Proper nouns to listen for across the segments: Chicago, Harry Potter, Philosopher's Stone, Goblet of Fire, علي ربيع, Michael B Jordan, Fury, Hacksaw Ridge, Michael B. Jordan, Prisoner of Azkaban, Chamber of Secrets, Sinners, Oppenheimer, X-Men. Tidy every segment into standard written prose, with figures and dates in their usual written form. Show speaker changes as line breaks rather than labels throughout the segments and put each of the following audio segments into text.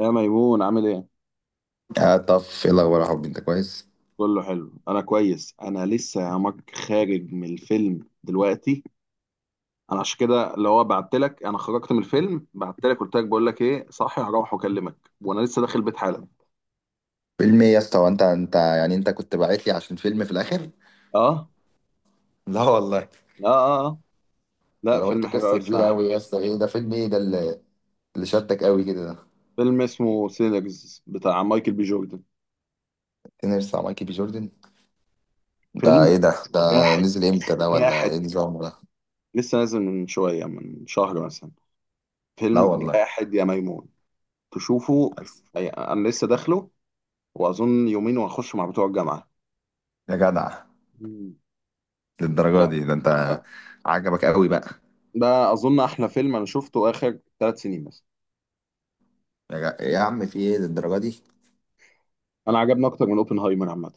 يا ميمون عامل ايه؟
آه، طف ايه الاخبار يا حبيبي؟ انت كويس؟
كله حلو، انا كويس. انا لسه يا مك خارج من الفيلم دلوقتي. انا عشان كده اللي هو بعت لك، انا خرجت من الفيلم بعت لك، قلت لك بقول لك ايه، صاحي هروح واكلمك وانا لسه داخل البيت حالا.
فيلم ايه يا اسطى؟ وانت يعني انت كنت باعت لي عشان فيلم في الاخر؟
اه.
لا والله،
لا، اه، اه.
ده
لا،
انا
فيلم
قلت
حلو قوي
قصه كبيره قوي
الصراحه.
يا اسطى. ايه ده؟ فيلم ايه ده اللي شدك قوي كده ده؟
فيلم اسمه سينرز بتاع مايكل بي جوردن.
تنرس بتاع مايكل بي جوردن؟ ده
فيلم
ايه ده؟
جاحد.
نزل امتى ده ولا ايه
جاحد.
نظامه ده؟
لسه نازل من شويه، من شهر مثلا.
لا
فيلم
والله.
جاحد يا ميمون. تشوفه. انا لسه داخله. واظن يومين وهخش مع بتوع الجامعه.
يا جدع،
مم.
للدرجه
لا،
دي ده انت؟
لا.
عجبك قوي بقى؟
ده اظن احلى فيلم انا شفته اخر 3 سنين مثلا.
يا عم، في ايه للدرجه دي؟
انا عجبني اكتر من اوبنهايمر عامه.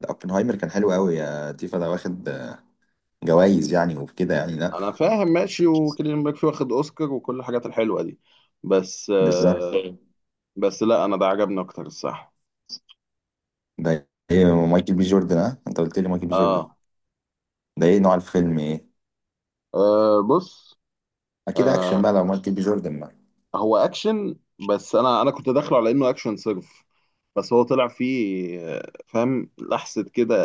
ده اوبنهايمر كان حلو قوي يا تيفا، ده واخد جوائز يعني وكده، يعني لا.
انا فاهم، ماشي، وكيليان ميرفي واخد اوسكار وكل الحاجات الحلوه دي. بس
بالظبط.
آه بس لا، انا ده عجبني اكتر الصح.
ده ايه مايكل بي جوردن؟ اه، انت قلت لي مايكل بي جوردن.
اه،
ده ايه نوع الفيلم، ايه؟
آه، بص.
اكيد اكشن بقى
آه،
لو مايكل بي جوردن بقى.
هو اكشن، بس انا كنت داخله على انه اكشن صرف. بس هو طلع فيه فاهم لحظه كده.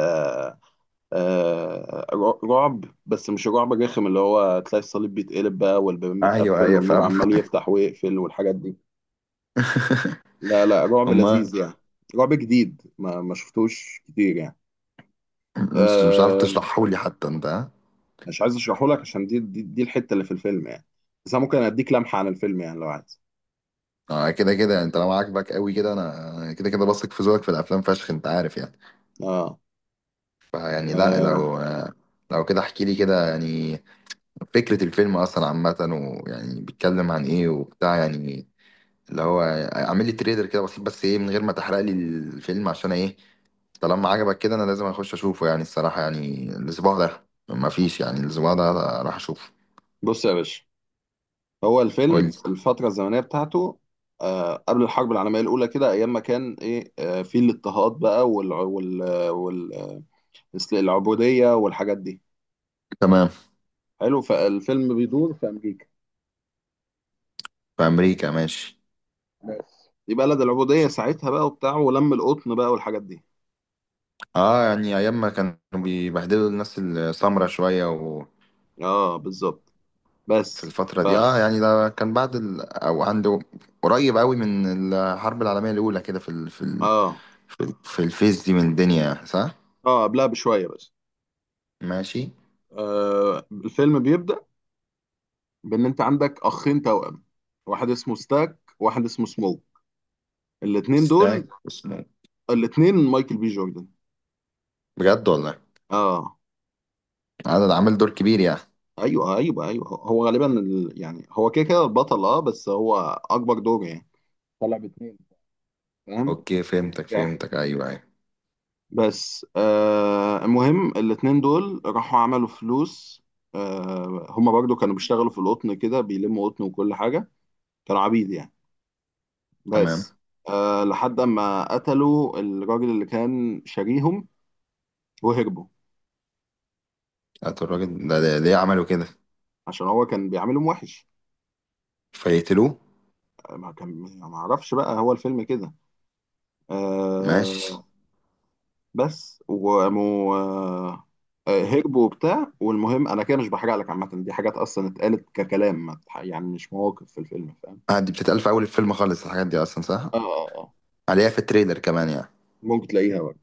آه، رعب، بس مش الرعب الرخم اللي هو تلاقي الصليب بيتقلب بقى والبيبان
ايوه
بتقفل
ايوه،
والنور
فاهم.
عمال يفتح ويقفل والحاجات دي. لا، لا، رعب
امال.
لذيذ يعني. رعب جديد ما شفتوش كتير يعني.
مش عارف
أه.
تشرحهولي حتى انت، ها؟
مش عايز اشرحه لك عشان دي الحتة اللي في الفيلم يعني. بس انا ممكن اديك لمحة عن الفيلم يعني لو عايز.
اه كده كده، انت لو عاجبك قوي كده، انا كده كده بثق في ذوقك في الافلام فشخ، انت عارف يعني.
اه.
فيعني لا،
آه.
لو لو كده احكي لي كده يعني. فكرة الفيلم اصلا عامة، ويعني بيتكلم عن ايه وبتاع، يعني اللي هو اعمل لي تريلر كده بسيط، بس ايه، من غير ما تحرق لي الفيلم، عشان ايه، طالما عجبك كده انا لازم اخش اشوفه يعني. الصراحه، يعني الاسبوع ده ما فيش، يعني الاسبوع ده راح اشوفه.
بص يا باشا. هو
قول
الفيلم
لي.
الفترة الزمنية بتاعته، قبل الحرب العالمية الأولى كده، أيام ما كان إيه في الاضطهاد بقى، وال وال مثل العبودية والحاجات دي.
تمام.
حلو. فالفيلم بيدور في أمريكا.
في امريكا، ماشي.
بس دي بلد العبودية ساعتها بقى وبتاع ولم القطن بقى والحاجات دي.
اه يعني ايام ما كانوا بيبهدلوا الناس السمرة شويه، وفي
اه، بالظبط. بس
الفتره
ف
دي اه، يعني ده كان بعد او عنده، قريب قوي من الحرب العالميه الاولى كده، في
اه،
في الفيس دي من الدنيا، صح؟
اه، قبلها بشوية بس.
ماشي.
الفيلم بيبدأ بإن أنت عندك أخين توأم. واحد اسمه ستاك وواحد اسمه سموك. الاتنين دول
ستاك اسمه.
الاتنين مايكل بي جوردن.
بجد والله؟
اه.
انا ده عامل دور كبير يعني.
ايوه، ايوه، ايوه، هو غالبا يعني هو كده كده البطل، بس هو اكبر دور يعني. طلع باتنين. فاهم.
اوكي فهمتك فهمتك، ايوه ايوه.
بس المهم الاتنين دول راحوا عملوا فلوس. هما برضو كانوا بيشتغلوا في القطن كده، بيلموا قطن وكل حاجة. كانوا عبيد يعني.
تمام.
بس لحد ما قتلوا الراجل اللي كان شاريهم وهربوا.
قتلوا الراجل ليه عملوا كده؟
عشان هو كان بيعاملهم وحش.
فيقتلوه.
آه، ما كان ما اعرفش بقى، هو الفيلم كده.
ماشي.
آه. بس وقاموا. هربوا وبتاع، والمهم انا كده مش بحرق لك. عامة دي حاجات اصلا اتقالت ككلام، يعني مش مواقف في الفيلم.
آه دي بتتقال في أول الفيلم خالص، الحاجات دي أصلا، صح؟
اه، اه، اه.
عليها في التريلر كمان يعني.
ممكن تلاقيها بقى.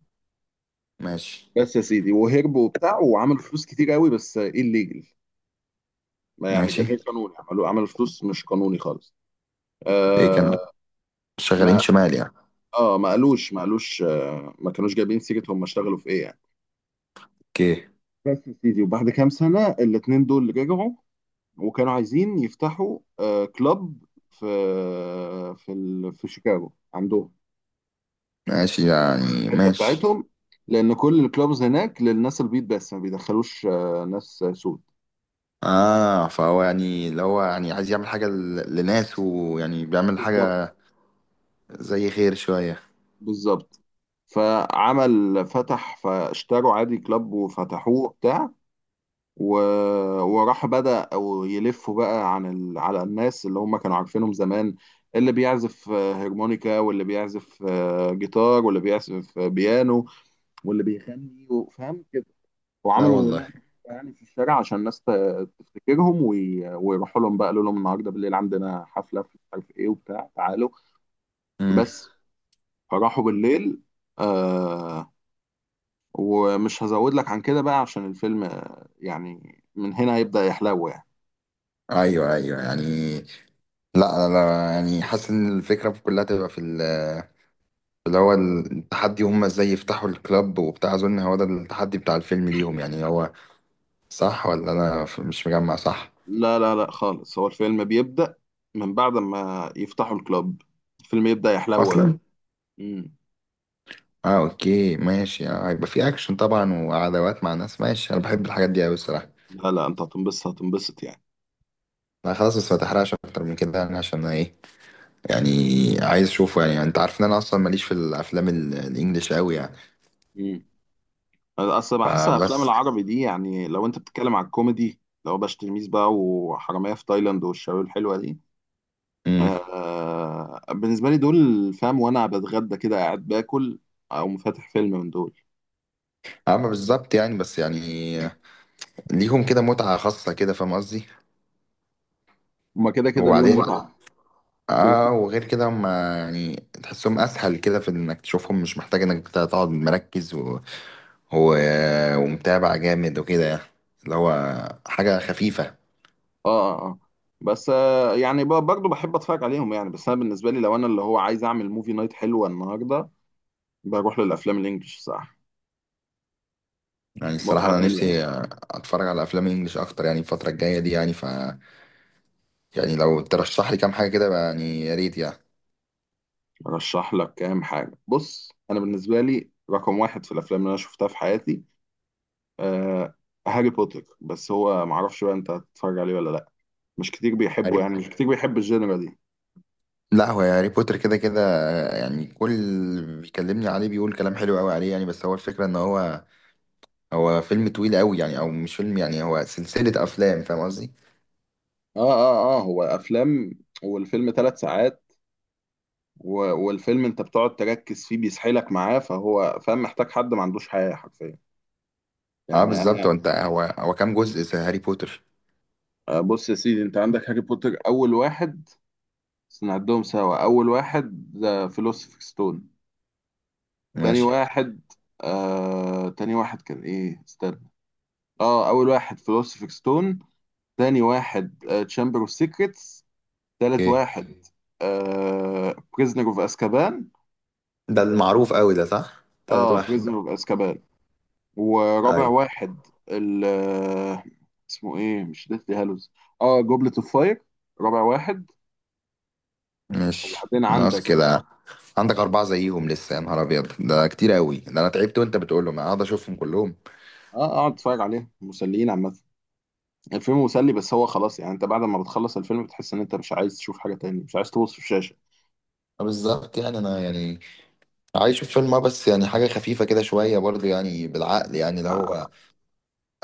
ماشي
بس يا سيدي وهرب وبتاع وعمل فلوس كتير قوي بس ايه الليجل. ما يعني
ماشي.
غير قانوني، عملوا عمل فلوس مش قانوني خالص.
ليه كانوا
آه.
شغالين
ما
شمال يعني؟
اه، ما قالوش، ما كانوش جايبين سيرة هم اشتغلوا في ايه يعني.
اوكي.
بس يا سيدي وبعد كام سنة الاتنين دول رجعوا. وكانوا عايزين يفتحوا كلاب في في شيكاغو عندهم.
ماشي يعني،
الحتة
ماشي.
بتاعتهم. لأن كل الكلابز هناك للناس البيض، بس ما بيدخلوش ناس سود.
اه فهو يعني، اللي هو يعني عايز يعمل حاجة لناس، ويعني بيعمل
بالظبط،
حاجة زي خير شوية.
بالظبط. فعمل فتح، فاشتروا عادي كلاب وفتحوه بتاع. و... وراح بدأ أو يلفوا بقى على الناس اللي هم كانوا عارفينهم زمان. اللي بيعزف هرمونيكا، واللي بيعزف جيتار، واللي بيعزف بيانو، واللي بيغني. فاهم كده.
لا
وعملوا
والله.
لقطة يعني في الشارع عشان الناس تفتكرهم، ويروحوا لهم بقى. قالوا لهم النهارده بالليل عندنا حفلة في مش عارف ايه وبتاع، تعالوا.
امم.
بس. فراحوا بالليل. آه، ومش هزود لك عن كده بقى، عشان الفيلم يعني من هنا هيبدأ يحلو يعني.
ايوه ايوه، يعني لا لا لا، يعني حاسس ان الفكرة كلها تبقى في ال، اللي هو التحدي، هم ازاي يفتحوا الكلاب وبتاع، اظن هو ده التحدي بتاع الفيلم ليهم يعني. هو صح ولا انا مش مجمع، صح؟
لا، لا، لا، خالص هو الفيلم بيبدأ من بعد ما يفتحوا الكلاب. الفيلم يبدأ يحلو بقى.
اصلا.
مم.
اه اوكي ماشي، هيبقى في اكشن طبعا وعداوات مع ناس. ماشي، انا بحب الحاجات دي قوي الصراحه.
لا، لا، انت هتنبسط هتنبسط يعني.
لا خلاص، بس ما تحرقش اكتر من كده يعني، عشان انا ايه يعني، عايز اشوفه يعني. انت عارف ان انا اصلا ماليش في الافلام الانجليش قوي يعني.
مم. أنا اصل بحس افلام
فبس.
العربي دي، يعني لو انت بتتكلم على الكوميدي، لو باش تلميذ بقى، وحرامية في تايلاند، والشباب الحلوة دي.
امم.
بالنسبة لي دول، فاهم، وانا بتغدى كده قاعد باكل او فاتح فيلم من دول.
اما بالظبط يعني، بس يعني ليهم كده متعه خاصه كده، فاهم قصدي؟
هما كده كده اليوم
وبعدين،
متعة كده.
اه وغير كده هم يعني تحسهم اسهل كده في انك تشوفهم، مش محتاج انك تقعد مركز و... ومتابع جامد وكده يعني. اللي هو حاجة خفيفة.
اه، اه، آه. بس يعني برضه بحب اتفرج عليهم يعني. بس انا بالنسبه لي لو انا اللي هو عايز اعمل موفي نايت حلوه النهارده، بروح للافلام الانجليش صح.
يعني الصراحة
متعه
انا
تانية
نفسي
يعني.
اتفرج على افلام انجليش اكتر يعني الفترة الجاية دي، يعني ف، يعني لو ترشح لي كام حاجة كده بقى يعني، يا ريت يعني.
ارشح لك كام حاجه. بص، انا بالنسبه لي رقم واحد في الافلام اللي انا شفتها في حياتي آه هاري بوتر. بس هو معرفش بقى انت هتتفرج عليه ولا لا. مش كتير
هاري
بيحبه يعني، مش كتير بيحب الجينرا دي.
لا، هو هاري بوتر كده كده يعني، كل اللي بيكلمني عليه بيقول كلام حلو قوي عليه يعني، بس هو الفكرة ان هو فيلم طويل قوي يعني، او مش فيلم يعني، هو سلسلة افلام، فاهم قصدي؟
اه، اه، اه، هو افلام. والفيلم 3 ساعات. والفيلم انت بتقعد تركز فيه بيسحلك معاه، فهو فاهم محتاج حد ما عندوش حياه حرفيا
اه
يعني. انا
بالظبط. هو انت هو كام جزء في هاري بوتر؟
بص يا سيدي، انت عندك هاري بوتر اول واحد. بس نعدهم سوا، اول واحد ذا فيلوسوفر ستون. تاني
ماشي.
واحد. تاني واحد كان ايه، استنى. اه، اول واحد فيلوسوفر ستون. تاني واحد تشامبر اوف سيكريتس. تالت
ايه.
واحد بريزنر اوف اسكابان.
ده المعروف قوي ده، صح؟ تالت
اه،
واحد ده.
بريزنر اوف اسكابان. ورابع
اي.
واحد ال آه، اسمه ايه، مش ديثلي هالوز. اه، جوبلت اوف فاير، رابع واحد.
ماشي.
وبعدين
ناقص
عندك.
كده؟ عندك أربعة زيهم لسه؟ يا نهار أبيض، ده كتير أوي ده، أنا تعبت وأنت بتقولهم. أنا أقعد أشوفهم كلهم؟
اقعد اتفرج عليه، مسليين عامة. الفيلم مسلي، بس هو خلاص يعني انت بعد ما بتخلص الفيلم بتحس ان انت مش عايز تشوف حاجة تاني، مش عايز تبص في الشاشة.
آه بالظبط يعني، أنا يعني عايش في فيلم، آه بس يعني حاجة خفيفة كده شوية برضه يعني، بالعقل يعني، اللي هو
آه،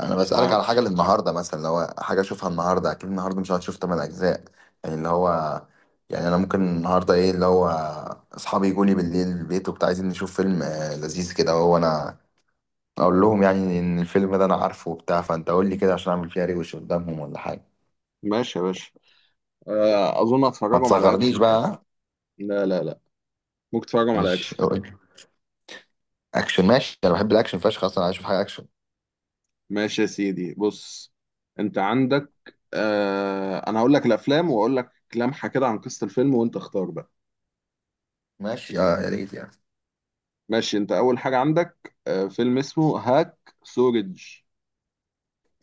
انا
مش
بسألك
عارف.
على حاجة للنهاردة مثلا، لو حاجة اشوفها النهاردة، اكيد النهاردة مش هتشوف 8 اجزاء يعني، اللي هو يعني انا ممكن النهاردة ايه، اللي هو اصحابي يجوا لي بالليل البيت وبتاع، عايزين نشوف فيلم لذيذ كده، وهو انا اقول لهم يعني ان الفيلم ده انا عارفه وبتاع، فانت قول لي كده عشان اعمل فيها ريوش قدامهم ولا حاجة.
ماشي يا باشا. اظن
ما
هتفرجهم على اكشن
تصغرنيش بقى،
يعني.
ها؟
لا، لا، لا. ممكن تفرجهم على
ماشي،
اكشن.
قول. اكشن، ماشي، انا بحب الاكشن فشخ، اصلا عايز اشوف حاجة اكشن.
ماشي يا سيدي، بص. انت عندك انا هقول لك الافلام واقول لك لمحة كده عن قصة الفيلم، وانت اختار بقى.
ماشي، اه يا ريت يعني.
ماشي، انت اول حاجة عندك فيلم اسمه هاك سورج.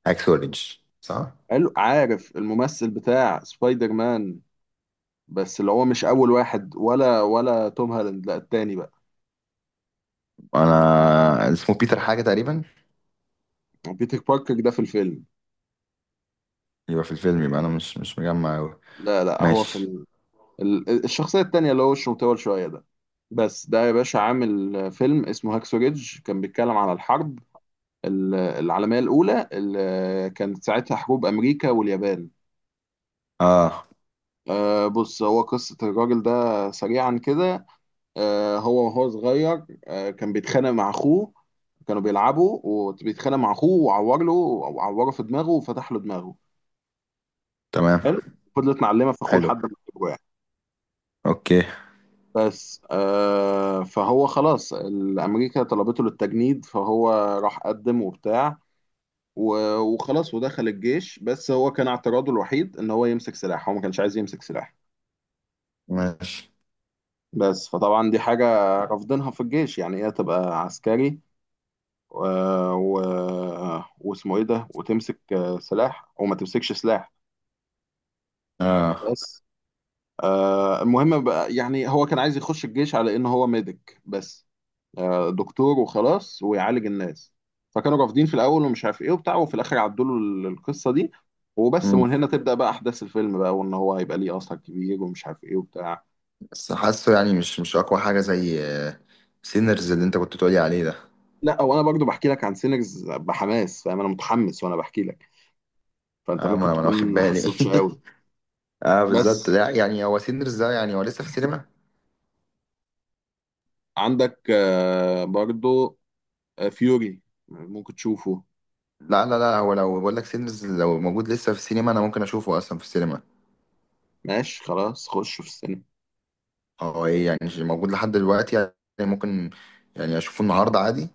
اكس اوريدج، صح.
حلو، عارف الممثل بتاع سبايدر مان؟ بس اللي هو مش اول واحد، ولا توم هالاند، لا التاني بقى.
انا اسمه بيتر حاجة تقريبا.
بيتر باركر ده في الفيلم.
يبقى في الفيلم، يبقى انا مش مجمع أوي.
لا، لا، هو في
ماشي.
الشخصيه التانيه اللي هو وشه مطول شويه ده. بس ده يا باشا عامل فيلم اسمه هاكسو ريدج كان بيتكلم على الحرب العالميه الاولى، اللي كانت ساعتها حروب امريكا واليابان.
اه.
بص، هو قصة الراجل ده سريعا كده. هو وهو صغير كان بيتخانق مع أخوه. كانوا بيلعبوا وبيتخانق مع أخوه، وعور له وعوره في دماغه وفتح له دماغه.
تمام.
حلو. فضلت معلمه في اخوه
حلو.
لحد ما جابوه يعني.
اوكي
بس فهو خلاص الامريكا طلبته للتجنيد، فهو راح قدم وبتاع. وخلاص ودخل الجيش، بس هو كان اعتراضه الوحيد ان هو يمسك سلاح، هو ما كانش عايز يمسك سلاح.
ماشي.
بس فطبعا دي حاجة رافضينها في الجيش، يعني ايه تبقى عسكري و... و... واسمه ايه ده وتمسك سلاح وما تمسكش سلاح.
اه.
بس المهم بقى يعني هو كان عايز يخش الجيش على ان هو ميديك بس، دكتور وخلاص ويعالج الناس. فكانوا رافضين في الاول ومش عارف ايه وبتاع، وفي الاخر عدوا له القصه دي. وبس،
مم.
ومن هنا تبدا بقى احداث الفيلم بقى، وان هو هيبقى ليه اثر كبير ومش عارف ايه وبتاع.
بس حاسه يعني مش اقوى حاجه زي سينرز اللي انت كنت بتقولي عليه ده.
لا، وانا برضو بحكي لك عن سينرز بحماس، فاهم انا متحمس وانا بحكي لك، فانت
اه ما
ممكن
انا ما أنا
تكون
واخد
ما
بالي.
حسيتش قوي.
اه بالظبط.
بس
لا يعني هو سينرز ده يعني هو لسه في السينما؟
عندك برضو فيوري، ممكن تشوفه.
لا لا لا، هو لو بقول لك سينرز لو موجود لسه في السينما انا ممكن اشوفه اصلا في السينما.
ماشي خلاص، خش في السينما.
هو ايه يعني، مش موجود لحد دلوقتي يعني؟ ممكن يعني اشوفه النهارده عادي.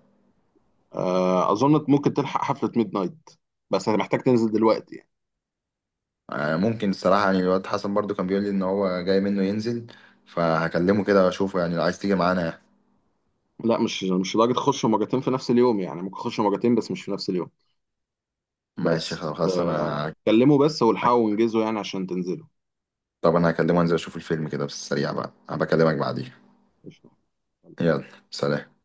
اظن ممكن تلحق حفله ميد نايت، بس محتاج تنزل دلوقتي.
ممكن، الصراحة يعني الواد حسن برضو كان بيقول لي إن هو جاي منه ينزل، فهكلمه كده وأشوفه يعني. لو عايز تيجي معانا يعني.
لا، مش لدرجة اخش مرتين في نفس اليوم، يعني ممكن اخش مرتين بس مش في نفس اليوم.
ماشي
بس
خلاص أنا،
كلموا بس والحقوا وانجزوا يعني عشان تنزلوا.
طب أنا هكلمه أنزل أشوف الفيلم كده بس، السريع بقى، أنا بكلمك
مم.
بعديها.
قشطة.
يلا، سلام.